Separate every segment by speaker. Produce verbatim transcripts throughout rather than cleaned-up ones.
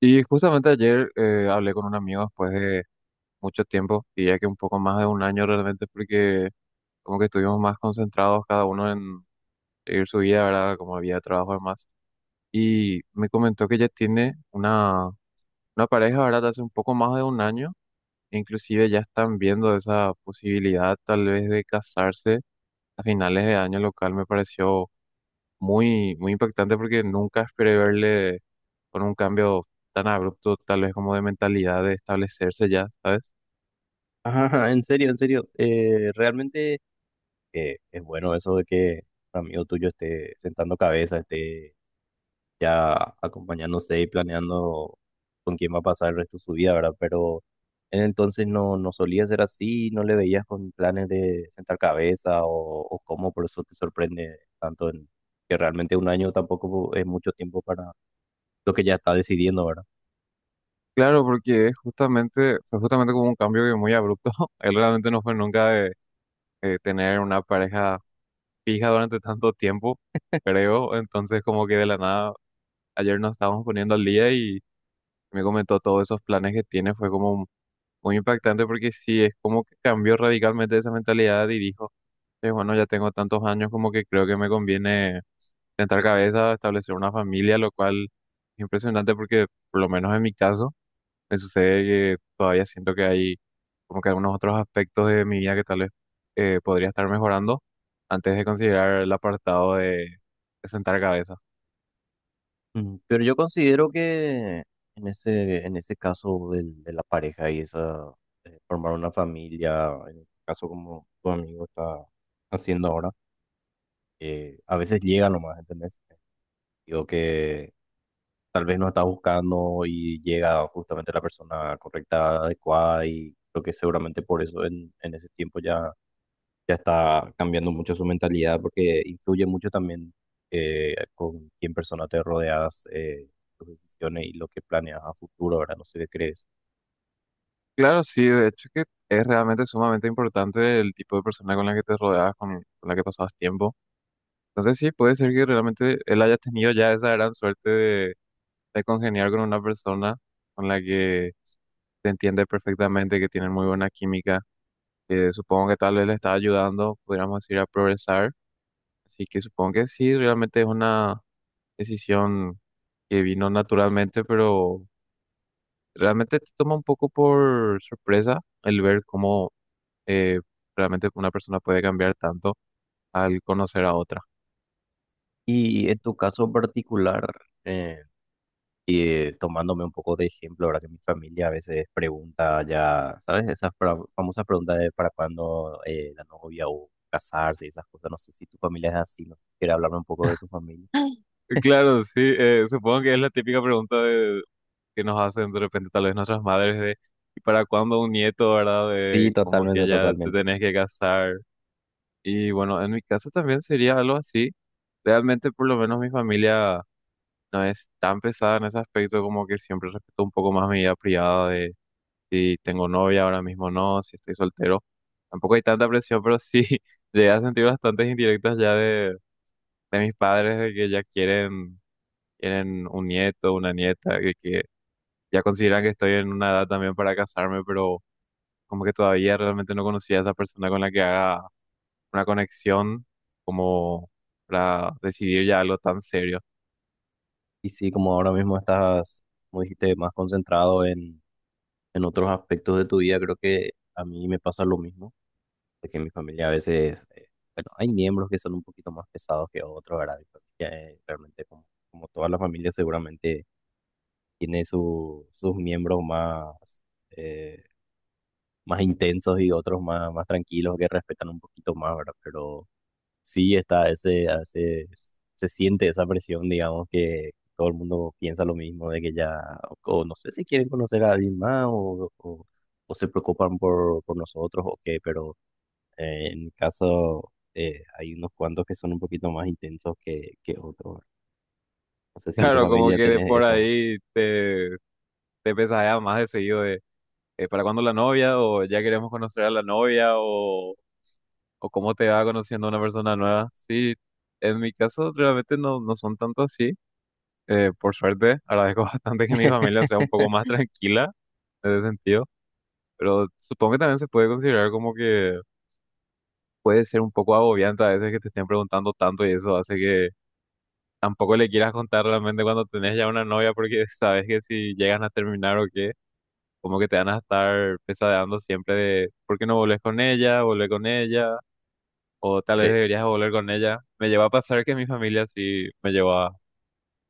Speaker 1: Y justamente ayer eh, hablé con un amigo después de mucho tiempo, y ya que un poco más de un año realmente, porque como que estuvimos más concentrados cada uno en seguir su vida, ¿verdad? Como vida de trabajo y demás. Y me comentó que ya tiene una, una pareja, ¿verdad? Hace un poco más de un año, e inclusive ya están viendo esa posibilidad tal vez de casarse a finales de año, lo cual me pareció muy, muy impactante porque nunca esperé verle con un cambio tan abrupto, tal vez como de mentalidad de establecerse ya, ¿sabes?
Speaker 2: Ajá, en serio, en serio. Eh, realmente eh, es bueno eso de que un amigo tuyo esté sentando cabeza, esté ya acompañándose y planeando con quién va a pasar el resto de su vida, ¿verdad? Pero en entonces no, no solía ser así, no le veías con planes de sentar cabeza o, o cómo, por eso te sorprende tanto en que realmente un año tampoco es mucho tiempo para lo que ya está decidiendo, ¿verdad?
Speaker 1: Claro, porque es justamente, fue justamente como un cambio que muy abrupto. Él realmente no fue nunca de, de tener una pareja fija durante tanto tiempo, creo. Entonces, como que de la nada, ayer nos estábamos poniendo al día y me comentó todos esos planes que tiene. Fue como muy impactante porque sí, es como que cambió radicalmente esa mentalidad y dijo. Sí, bueno, ya tengo tantos años como que creo que me conviene sentar cabeza, establecer una familia, lo cual es impresionante porque por lo menos en mi caso me sucede que todavía siento que hay como que algunos otros aspectos de mi vida que tal vez eh, podría estar mejorando antes de considerar el apartado de, de sentar cabeza.
Speaker 2: Mm, pero yo considero que en ese, en ese caso del- de la pareja y esa, eh, formar una familia, en el caso como tu amigo está haciendo ahora, eh, a veces llega nomás, ¿entendés? Digo que tal vez no está buscando y llega justamente la persona correcta, adecuada y creo que seguramente por eso en, en ese tiempo ya ya está cambiando mucho su mentalidad porque influye mucho también eh, con quién persona te rodeas, eh, tus decisiones y lo que planeas a futuro, ¿verdad? No sé qué crees.
Speaker 1: Claro, sí, de hecho que es realmente sumamente importante el tipo de persona con la que te rodeas, con, con la que pasas tiempo. Entonces sí, puede ser que realmente él haya tenido ya esa gran suerte de congeniar con una persona con la que te entiende perfectamente, que tienen muy buena química, que supongo que tal vez le está ayudando, pudiéramos decir, a progresar. Así que supongo que sí, realmente es una decisión que vino naturalmente, pero realmente te toma un poco por sorpresa el ver cómo eh, realmente una persona puede cambiar tanto al conocer a otra.
Speaker 2: Y en tu caso en particular, eh, y tomándome un poco de ejemplo, ¿verdad? Que mi familia a veces pregunta ya, ¿sabes? Esas pra- famosas preguntas de para cuándo eh, la novia o casarse y esas cosas. No sé si tu familia es así, no sé si quieres hablarme un poco de tu familia.
Speaker 1: Claro, sí, eh, supongo que es la típica pregunta de- que nos hacen de repente tal vez nuestras madres de ¿y para cuándo un nieto, verdad? De
Speaker 2: Sí,
Speaker 1: como que
Speaker 2: totalmente,
Speaker 1: ya te
Speaker 2: totalmente.
Speaker 1: tenés que casar. Y bueno, en mi caso también sería algo así. Realmente por lo menos mi familia no es tan pesada en ese aspecto como que siempre respeto un poco más mi vida privada de si tengo novia ahora mismo o no, si estoy soltero. Tampoco hay tanta presión, pero sí llegué a sentir bastantes indirectas ya de, de mis padres de que ya quieren, quieren un nieto, una nieta, que, que ya consideran que estoy en una edad también para casarme, pero como que todavía realmente no conocía a esa persona con la que haga una conexión como para decidir ya algo tan serio.
Speaker 2: Y sí, como ahora mismo estás, como dijiste, más concentrado en, en otros aspectos de tu vida, creo que a mí me pasa lo mismo, de que en mi familia a veces, eh, bueno, hay miembros que son un poquito más pesados que otros, ¿verdad? Mi familia, eh, realmente, como, como toda la familia, seguramente tiene su- sus miembros más, eh, más intensos y otros más, más tranquilos que respetan un poquito más, ¿verdad? Pero sí está ese, a veces se siente esa presión, digamos, que todo el mundo piensa lo mismo, de que ya, o no sé si quieren conocer a alguien más, o, o, o se preocupan por, por nosotros, o qué, pero eh, en mi caso eh, hay unos cuantos que son un poquito más intensos que, que otros. No sé si en tu
Speaker 1: Claro, como
Speaker 2: familia
Speaker 1: que de
Speaker 2: tenés
Speaker 1: por
Speaker 2: eso.
Speaker 1: ahí te, te pesadea más de seguido de eh, ¿para cuándo la novia? O ya queremos conocer a la novia o, o cómo te va conociendo a una persona nueva. Sí, en mi caso realmente no, no son tanto así. Eh, por suerte, agradezco bastante que mi familia sea un poco más tranquila en ese sentido, pero supongo que también se puede considerar como que puede ser un poco agobiante a veces que te estén preguntando tanto y eso hace que tampoco le quieras contar realmente cuando tenés ya una novia porque sabes que si llegan a terminar o qué como que te van a estar pesadeando siempre de por qué no volvés con ella, volver con ella, o tal vez
Speaker 2: Cre-
Speaker 1: deberías volver con ella. Me llevó a pasar que mi familia sí me llevó a,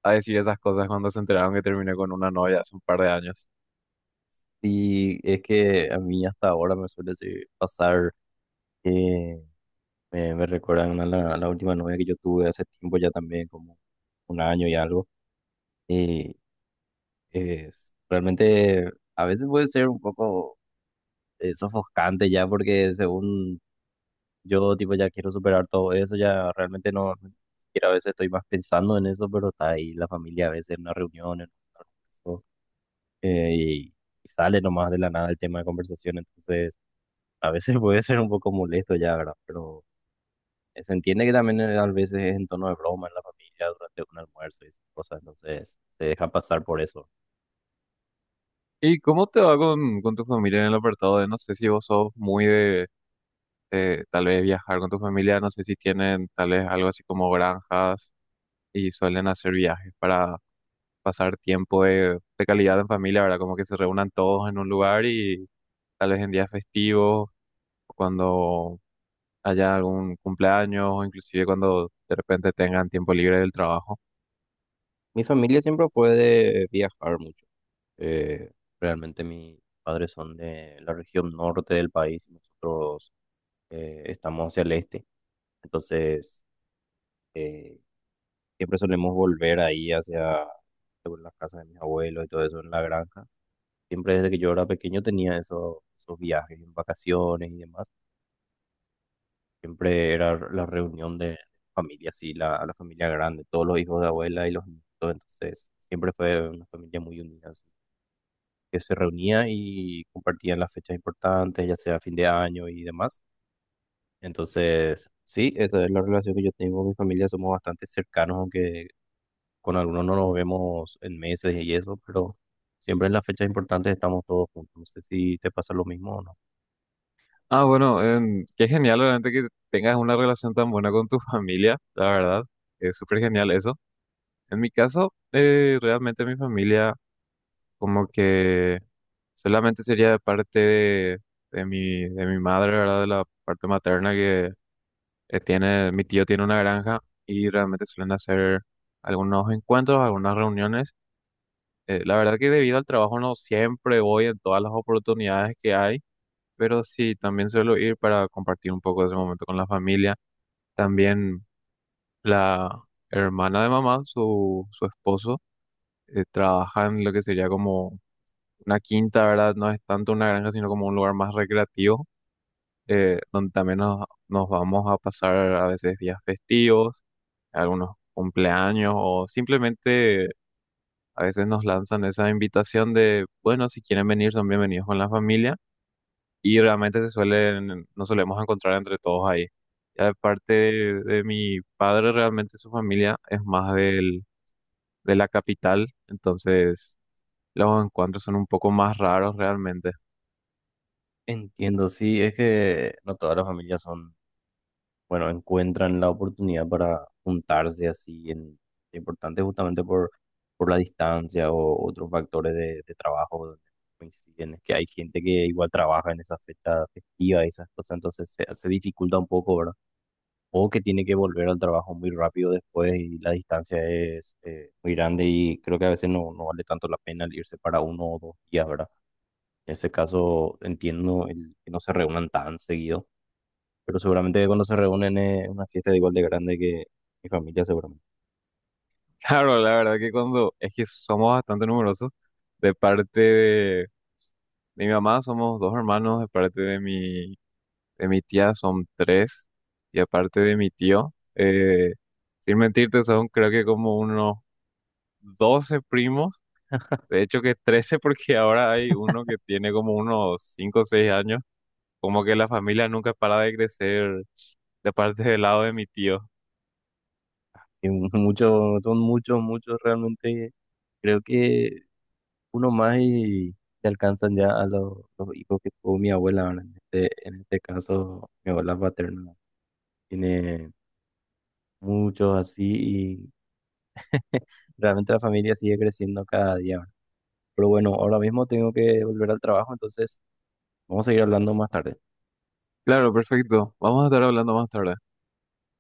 Speaker 1: a decir esas cosas cuando se enteraron que terminé con una novia hace un par de años.
Speaker 2: Y es que a mí hasta ahora me suele se- pasar que me, me recuerdan a la, a la última novia que yo tuve hace tiempo ya también, como un año y algo. Y es, realmente a veces puede ser un poco eh, sofocante ya porque según yo tipo ya quiero superar todo eso, ya realmente no, no, ni siquiera a veces estoy más pensando en eso, pero está ahí la familia a veces en una reunión, en un almuerzo, eh, y, y sale nomás de la nada el tema de conversación, entonces a veces puede ser un poco molesto ya, ¿verdad? Pero eh, se entiende que también eh, a veces es en tono de broma en la familia durante un almuerzo y esas cosas, entonces se deja pasar por eso.
Speaker 1: ¿Y cómo te va con, con tu familia en el apartado de, no sé si vos sos muy de, de tal vez viajar con tu familia, no sé si tienen tal vez algo así como granjas y suelen hacer viajes para pasar tiempo de, de calidad en familia, ¿verdad? Como que se reúnan todos en un lugar y tal vez en días festivos cuando haya algún cumpleaños o inclusive cuando de repente tengan tiempo libre del trabajo.
Speaker 2: Mi familia siempre fue de viajar mucho. Eh, Realmente mis padres son de la región norte del país y nosotros eh, estamos hacia el este. Entonces, eh, siempre solemos volver ahí hacia sobre las casas de mis abuelos y todo eso en la granja. Siempre desde que yo era pequeño tenía esos, esos viajes en vacaciones y demás. Siempre era la reunión de familia, sí, la, la familia grande, todos los hijos de abuela y los nietos. Entonces, siempre fue una familia muy unida, que se reunía y compartían las fechas importantes, ya sea fin de año y demás. Entonces, sí, esa es la relación que yo tengo con mi familia, somos bastante cercanos, aunque con algunos no nos vemos en meses y eso, pero siempre en las fechas importantes estamos todos juntos. No sé si te pasa lo mismo o no.
Speaker 1: Ah, bueno, em, qué genial realmente que tengas una relación tan buena con tu familia, la verdad. Es súper genial eso. En mi caso, eh, realmente mi familia como que solamente sería de parte de, de mi, de mi madre, ¿verdad? De la parte materna que eh, tiene, mi tío tiene una granja y realmente suelen hacer algunos encuentros, algunas reuniones. Eh, la verdad que debido al trabajo no siempre voy en todas las oportunidades que hay, pero sí, también suelo ir para compartir un poco de ese momento con la familia. También la hermana de mamá, su, su esposo, eh, trabaja en lo que sería como una quinta, ¿verdad? No es tanto una granja, sino como un lugar más recreativo, eh, donde también nos, nos vamos a pasar a veces días festivos, algunos cumpleaños o simplemente a veces nos lanzan esa invitación de, bueno, si quieren venir, son bienvenidos con la familia y realmente se suelen, nos solemos encontrar entre todos ahí. Ya de parte de, de mi padre, realmente su familia es más del, de la capital, entonces los encuentros son un poco más raros realmente.
Speaker 2: Entiendo, sí, es que no todas las familias son, bueno, encuentran la oportunidad para juntarse así en importante justamente por, por la distancia o otros factores de, de trabajo donde coinciden. Es que hay gente que igual trabaja en esa fecha festiva y esas cosas, entonces se, se dificulta un poco, ¿verdad? O que tiene que volver al trabajo muy rápido después y la distancia es eh, muy grande y creo que a veces no, no vale tanto la pena el irse para uno o dos días, ¿verdad? En ese caso entiendo el que no se reúnan tan seguido, pero seguramente cuando se reúnen es una fiesta igual de grande que mi familia, seguramente.
Speaker 1: Claro, la verdad que cuando es que somos bastante numerosos, de parte de, de mi mamá somos dos hermanos. De parte de mi De mi tía son tres. Y aparte de mi tío, eh, sin mentirte, son creo que como unos doce primos. De hecho que trece porque ahora hay uno que tiene como unos cinco o seis años. Como que la familia nunca para de crecer de parte del lado de mi tío.
Speaker 2: Y mu- muchos, son muchos, muchos realmente. Creo que uno más y se alcanzan ya a los, los hijos que tuvo mi abuela, ¿verdad? En este, en este caso, mi abuela paterna tiene muchos así y realmente la familia sigue creciendo cada día, ¿verdad? Pero bueno, ahora mismo tengo que volver al trabajo, entonces vamos a seguir hablando más tarde.
Speaker 1: Claro, perfecto. Vamos a estar hablando más tarde.